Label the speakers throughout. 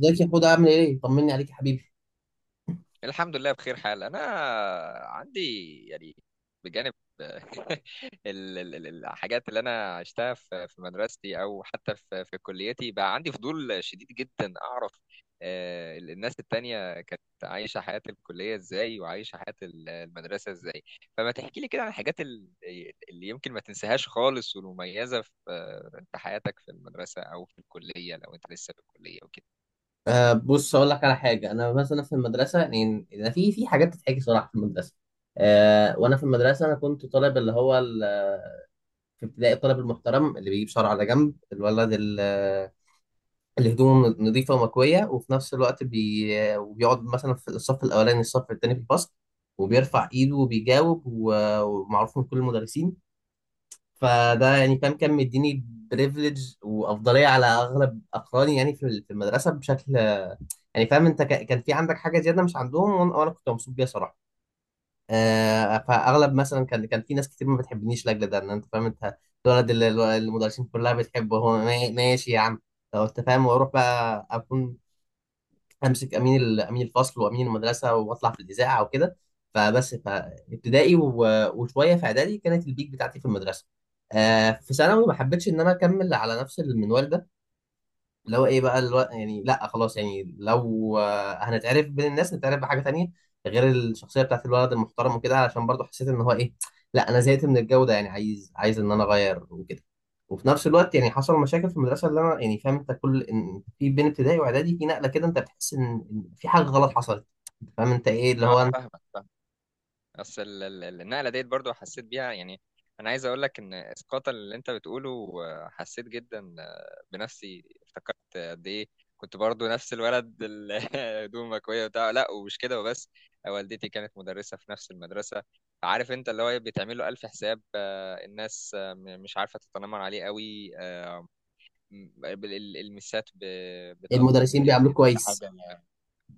Speaker 1: ازيك يا حوده، عامل ايه؟ طمني عليك يا حبيبي.
Speaker 2: الحمد لله بخير حال. انا عندي يعني بجانب الحاجات اللي انا عشتها في مدرستي او حتى في كليتي، بقى عندي فضول شديد جدا اعرف الناس التانية كانت عايشة حياة الكلية ازاي، وعايشة حياة المدرسة ازاي. فما تحكي لي كده عن الحاجات اللي يمكن ما تنساهاش خالص والمميزة في حياتك في المدرسة او في الكلية لو انت لسه في الكلية وكده.
Speaker 1: بص اقول لك على حاجه، انا مثلا في المدرسه، يعني أنا في حاجات تتحكي صراحه في المدرسه. وانا في المدرسه انا كنت طالب في ابتدائي الطالب المحترم اللي بيجيب شعره على جنب، الولد اللي هدومه نظيفه ومكويه، وفي نفس الوقت وبيقعد مثلا في الصف الاولاني، الصف الثاني في الفصل، وبيرفع ايده وبيجاوب و- ومعروف من كل المدرسين. فده يعني فاهم كان مديني بريفليج وافضليه على اغلب اقراني، يعني في المدرسه بشكل، يعني فاهم انت كان في عندك حاجه زياده مش عندهم، وأنا كنت مبسوط بيها صراحه. فاغلب مثلا كان في ناس كتير ما بتحبنيش لاجل ده، ان انت فاهم انت الولد اللي المدرسين كلها بتحبه، هو ماشي يا عم لو انت فاهم، واروح بقى اكون امسك امين امين الفصل وامين المدرسه واطلع في الاذاعه وكده. فبس فابتدائي وشويه في اعدادي كانت البيك بتاعتي في المدرسه. في ثانوي ما حبيتش ان انا اكمل على نفس المنوال ده، لو ايه بقى يعني لا خلاص، يعني لو هنتعرف بين الناس، نتعرف بحاجه تانية غير الشخصيه بتاعت الولد المحترم وكده، علشان برضو حسيت ان هو ايه، لا انا زهقت من الجو ده، يعني عايز ان انا اغير وكده. وفي نفس الوقت يعني حصل مشاكل في المدرسه اللي انا يعني فاهم انت، كل إن في بين ابتدائي واعدادي في نقله كده انت بتحس إن في حاجه غلط حصلت. أنت فاهم انت ايه اللي
Speaker 2: اه،
Speaker 1: هو
Speaker 2: فاهمك. بس النقله ديت برضو حسيت بيها، يعني انا عايز اقول لك ان اسقاط اللي انت بتقوله حسيت جدا بنفسي، افتكرت قد ايه كنت برضو نفس الولد هدومه مكويه بتاع لا ومش كده وبس. والدتي كانت مدرسه في نفس المدرسه، عارف انت اللي هو بيتعمل له الف حساب. الناس مش عارفه تتنمر عليه قوي. المسات بتقدرني
Speaker 1: المدرسين
Speaker 2: جدا.
Speaker 1: بيعاملوك كويس.
Speaker 2: حاجه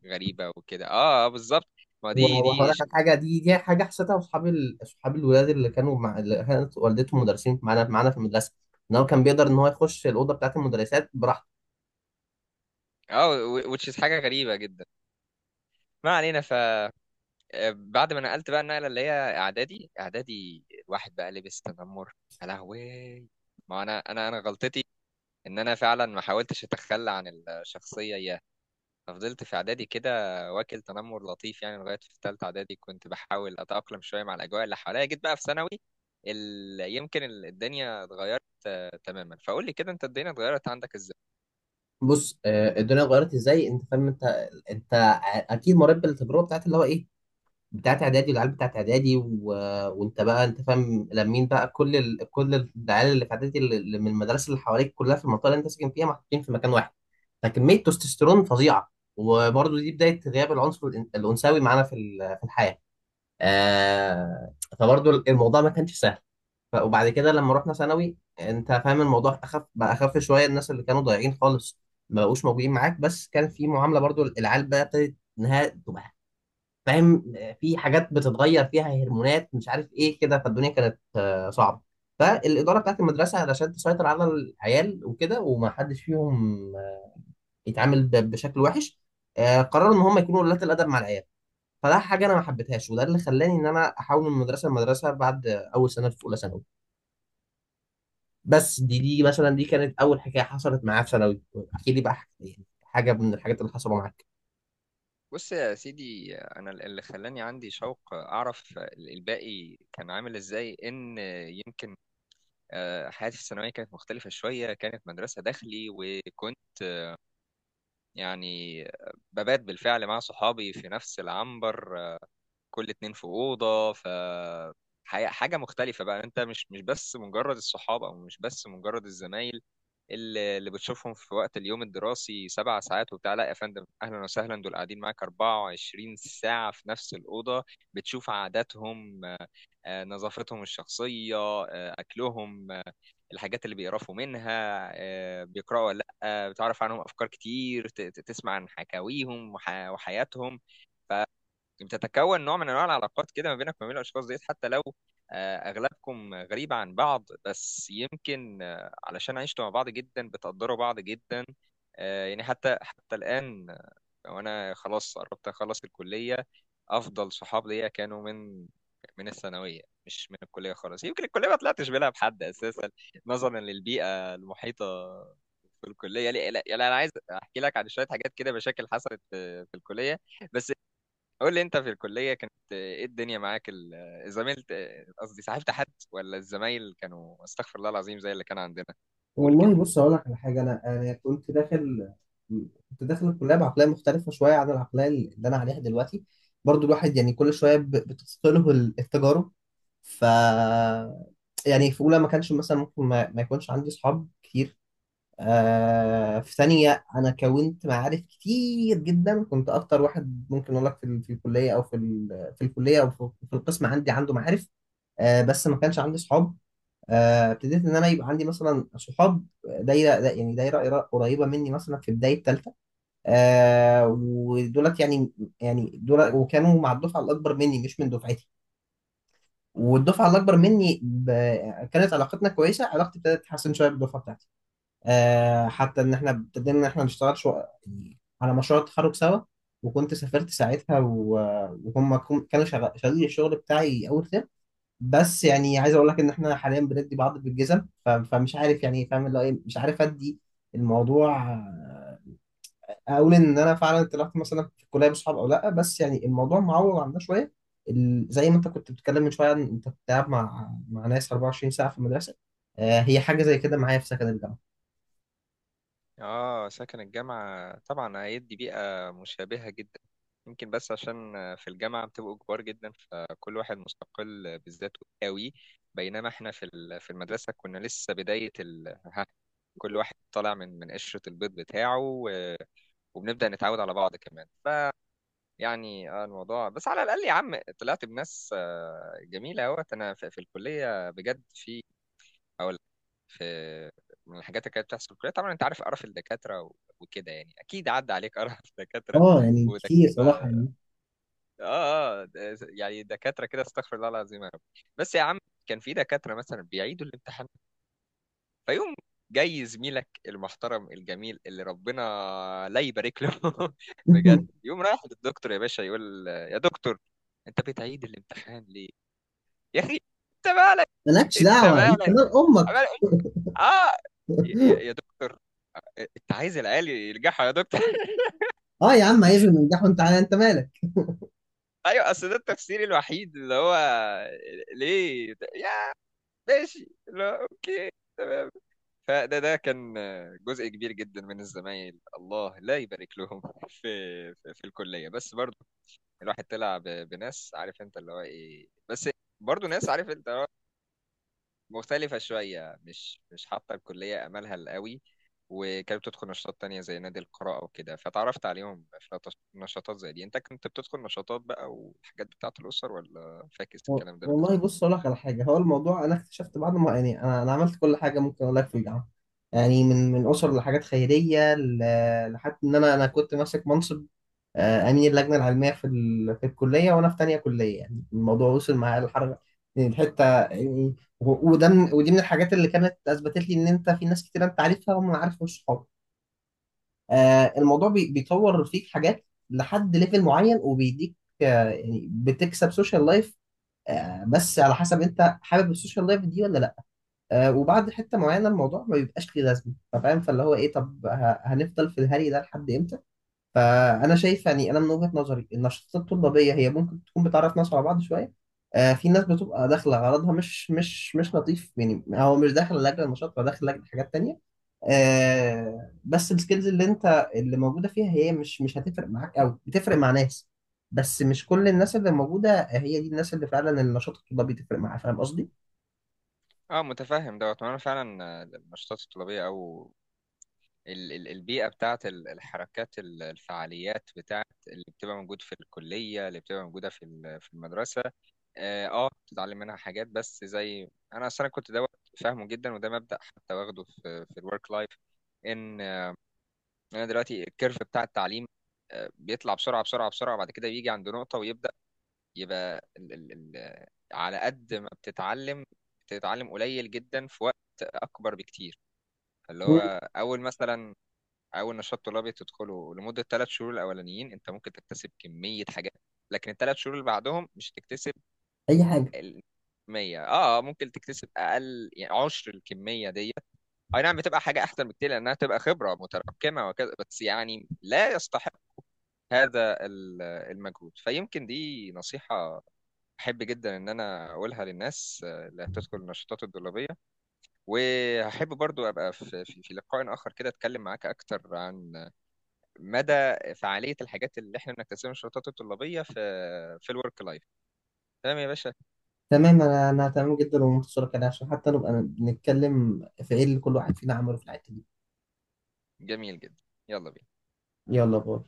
Speaker 2: غريبه وكده، اه، بالظبط، ما
Speaker 1: و-
Speaker 2: دي
Speaker 1: وهقول لك على حاجه، دي حاجه حسيتها، اصحابي اصحابي الولاد اللي كانوا مع اللي كانت والدتهم مدرسين معانا في المدرسه، ان هو كان بيقدر ان هو يخش الاوضه بتاعت المدرسات براحته.
Speaker 2: اه، which is حاجة غريبة جدا. ما علينا، ف بعد ما نقلت بقى النقلة اللي هي اعدادي، اعدادي الواحد بقى لبس تنمر، يا لهوي. ما انا غلطتي ان انا فعلا ما حاولتش اتخلى عن الشخصية اياها. ففضلت في اعدادي كده واكل تنمر لطيف يعني لغاية في ثالثة اعدادي. كنت بحاول اتأقلم شوية مع الاجواء اللي حواليا، جيت بقى في ثانوي، ال... يمكن الدنيا اتغيرت. تماما، فقول لي كده انت الدنيا اتغيرت عندك ازاي.
Speaker 1: بص الدنيا اتغيرت ازاي؟ انت فاهم انت اكيد مريت بالتجربه بتاعت اللي هو ايه، بتاعت اعدادي والعيال بتاعت اعدادي و... وانت بقى انت فاهم لمين بقى كل كل العيال اللي في اعدادي اللي من المدارس اللي حواليك كلها في المنطقه اللي انت ساكن فيها، محطوطين في مكان واحد، فكميه تستوستيرون فظيعه. وبرضه دي بدايه غياب العنصر الانثوي معانا في في الحياه. فبرضه الموضوع ما كانش سهل. وبعد كده لما رحنا ثانوي انت فاهم الموضوع اخف بقى، اخف شويه، الناس اللي كانوا ضايعين خالص ما بقوش موجودين معاك، بس كان في معامله برضو، العيال بقى ابتدت انها تبقى فاهم، في حاجات بتتغير فيها هرمونات مش عارف ايه كده، فالدنيا كانت صعبه. فالاداره بتاعت المدرسه علشان تسيطر على العيال وكده وما حدش فيهم يتعامل بشكل وحش، قرروا ان هم يكونوا ولاة الادب مع العيال. فده حاجه انا ما حبيتهاش، وده اللي خلاني ان انا احاول من مدرسه لمدرسه بعد اول سنه في اولى ثانوي. بس دي مثلا دي كانت اول حكايه حصلت معايا في ثانوي. احكي لي بقى يعني حاجه من الحاجات اللي حصلوا معاك.
Speaker 2: بص يا سيدي، انا اللي خلاني عندي شوق اعرف الباقي كان عامل ازاي ان يمكن حياتي في الثانويه كانت مختلفه شويه. كانت مدرسه داخلي، وكنت يعني ببات بالفعل مع صحابي في نفس العنبر، كل اتنين في اوضه. ف حاجه مختلفه بقى، انت مش بس مجرد الصحاب، او مش بس مجرد الزمايل اللي بتشوفهم في وقت اليوم الدراسي 7 ساعات وبتاع، لا يا فندم اهلا وسهلا، دول قاعدين معاك 24 ساعه في نفس الاوضه. بتشوف عاداتهم، نظافتهم الشخصيه، اكلهم، الحاجات اللي بيقرفوا منها، بيقراوا ولا لا، بتعرف عنهم افكار كتير، تسمع عن حكاويهم وحياتهم. بتتكون نوع من انواع العلاقات كده ما بينك وما بين الاشخاص ديت، حتى لو اغلبكم غريب عن بعض، بس يمكن علشان عشتوا مع بعض جدا بتقدروا بعض جدا. يعني حتى الان وانا خلاص قربت اخلص الكليه، افضل صحاب ليا كانوا من الثانويه، مش من الكليه خالص. يمكن الكليه ما طلعتش بينها بحد اساسا نظرا للبيئه المحيطه في الكليه. لا لا لا، انا عايز احكي لك عن شويه حاجات كده، مشاكل حصلت في الكليه، بس قول لي انت في الكلية كانت ايه الدنيا معاك، زميلت، قصدي صاحبت حد ولا الزمايل كانوا استغفر الله العظيم زي اللي كان عندنا؟ قول كده.
Speaker 1: والله بص اقول لك على حاجه، انا كنت داخل الكليه بعقليه مختلفه شويه عن العقليه اللي انا عليها دلوقتي. برضو الواحد يعني كل شويه بتثقله التجارب، ف يعني في اولى ما كانش مثلا ممكن ما يكونش عندي اصحاب كتير. في تانية أنا كونت معارف كتير جدا، كنت أكتر واحد ممكن أقول لك في الكلية، أو في الكلية، أو في القسم عندي، عنده معارف. بس ما كانش عندي صحاب. ابتديت إن أنا يبقى عندي مثلا صحاب، يعني دايرة قريبة مني مثلا في بداية تالتة. ودولت يعني دول وكانوا مع الدفعة الأكبر مني، مش من دفعتي. والدفعة الأكبر مني كانت علاقتنا كويسة. علاقتي ابتدت تتحسن شوية بالدفعة بتاعتي، حتى ان احنا ابتدينا ان احنا نشتغل يعني على مشروع التخرج سوا، وكنت سافرت ساعتها وهم كانوا شغالين الشغل بتاعي اول ترم. بس يعني عايز اقول لك ان احنا حاليا بندي بعض بالجزم، فمش عارف، يعني فاهم اللي هو ايه، مش عارف ادي الموضوع، اقول ان انا فعلا طلعت مثلا في الكليه بصحاب او لا، بس يعني الموضوع معوض عندنا شويه. زي ما انت كنت بتتكلم من شويه، عن انت كنت قاعد مع ناس 24 ساعه في المدرسه، هي حاجه زي كده معايا في سكن الجامعه.
Speaker 2: اه، سكن الجامعة طبعا هيدي بيئة مشابهة جدا، يمكن بس عشان في الجامعة بتبقوا كبار جدا فكل واحد مستقل بذاته قوي، بينما احنا في في المدرسة كنا لسه بداية ال، ها، كل واحد طالع من قشرة البيض بتاعه، و... وبنبدأ نتعود على بعض كمان، يعني. الموضوع بس على الأقل يا عم طلعت بناس جميلة أهوت أنا في, في الكلية بجد. في أقول، في من الحاجات اللي كانت بتحصل في الكلية، طبعا أنت عارف قرف الدكاترة و- وكده، يعني أكيد عدى عليك قرف دكاترة
Speaker 1: اه يعني
Speaker 2: ودكاترة.
Speaker 1: كتير صراحة
Speaker 2: آه،
Speaker 1: يعني.
Speaker 2: يعني دكاترة كده، استغفر الله العظيم يا رب. بس يا عم كان في دكاترة مثلا بيعيدوا الامتحان، فيقوم جاي زميلك المحترم الجميل اللي ربنا لا يبارك له بجد، يقوم رايح للدكتور يا باشا، يقول يا دكتور انت بتعيد الامتحان ليه، يا اخي انت مالك.
Speaker 1: مالكش
Speaker 2: انت
Speaker 1: دعوة، انت
Speaker 2: مالك.
Speaker 1: مال امك.
Speaker 2: عمال يقول اه، يا دكتور انت عايز العيال ينجحوا يا دكتور
Speaker 1: اه يا عم عايزهم ينجحوا، انت انت مالك.
Speaker 2: ايوه، اصل ده التفسير الوحيد اللي هو ليه يا، ماشي اللي هو، اوكي، تمام. فده ده كان جزء كبير جدا من الزمايل، الله لا يبارك لهم في في, في الكليه. بس برضو الواحد طلع بناس، عارف انت اللي هو ايه، بس برضو ناس عارف انت اللي هو مختلفه شويه، مش حاطه الكليه املها قوي، وكانت بتدخل نشاطات تانية زي نادي القراءة وكده، فتعرفت عليهم في نشاطات زي دي. انت كنت بتدخل نشاطات بقى والحاجات بتاعة الأسر ولا فاكس
Speaker 1: و-
Speaker 2: الكلام ده
Speaker 1: والله
Speaker 2: بالنسبة
Speaker 1: بص
Speaker 2: لك؟
Speaker 1: اقول لك على حاجه، هو الموضوع انا اكتشفت بعد ما، يعني انا عملت كل حاجه ممكن اقول لك في الجامعه، يعني من اسر لحاجات خيريه، لحد ان انا كنت ماسك منصب امين اللجنه العلميه في في الكليه وانا في تانية كليه، يعني الموضوع وصل معايا للحركه يعني، الحته يعني، ودي من الحاجات اللي كانت اثبتت لي ان انت في ناس كتير انت عارفها وما عارف مش صحاب. الموضوع بيطور فيك حاجات لحد ليفل معين وبيديك يعني بتكسب سوشيال لايف، بس على حسب انت حابب السوشيال لايف دي ولا لا. وبعد حته معينه الموضوع ما بيبقاش ليه لازمه، فاهم فاللي هو ايه، طب هنفضل في الهري ده لحد امتى؟ فانا شايف يعني انا من وجهة نظري النشاطات الطلابيه هي ممكن تكون بتعرف ناس على بعض شويه. في ناس بتبقى داخله غرضها مش لطيف يعني، هو مش داخل لاجل النشاط، هو داخل لاجل حاجات تانية. بس السكيلز اللي موجوده فيها هي مش هتفرق معاك قوي، بتفرق مع ناس بس مش كل الناس اللي موجوده هي دي الناس اللي فعلا النشاط الطلابي تفرق معاها، فاهم قصدي؟
Speaker 2: اه، متفهم دوت. ما انا فعلا النشاطات الطلابية او البيئة بتاعت الحركات، الفعاليات بتاعت اللي بتبقى موجود في الكلية، اللي بتبقى موجودة في في المدرسة، اه بتتعلم منها حاجات، بس زي انا اصلا كنت دوت فاهمه جدا، وده مبدأ حتى واخده في في الورك لايف. ان انا دلوقتي الكيرف بتاع التعليم بيطلع بسرعة بسرعة بسرعة، بعد كده بيجي عند نقطة ويبدأ يبقى ال على قد ما بتتعلم، بتتعلم قليل جدا في وقت اكبر بكتير، اللي
Speaker 1: مم.
Speaker 2: هو اول مثلا، او النشاط الطلابي تدخله لمده 3 شهور الاولانيين انت ممكن تكتسب كميه حاجات، لكن الـ3 شهور اللي بعدهم مش هتكتسب
Speaker 1: اي حاجه.
Speaker 2: الكميه، اه، ممكن تكتسب اقل، يعني 1/10 الكميه دي. اي نعم بتبقى حاجه احسن بكتير لانها تبقى خبره متراكمه وكذا، بس يعني لا يستحق هذا المجهود. فيمكن دي نصيحه احب جدا ان انا اقولها للناس اللي هتدخل النشاطات الطلابيه، وهحب برضو ابقى في في في لقاء اخر كده اتكلم معاك اكتر عن مدى فعاليه الحاجات اللي احنا بنكتسبها من الشروطات الطلابيه في في الورك لايف. تمام يا باشا،
Speaker 1: تمام، انا تمام جدا، ومنتصرة كده عشان حتى نبقى بنتكلم في ايه اللي كل واحد فينا عمله في الحته دي.
Speaker 2: جميل جدا، يلا بينا.
Speaker 1: يلا باي.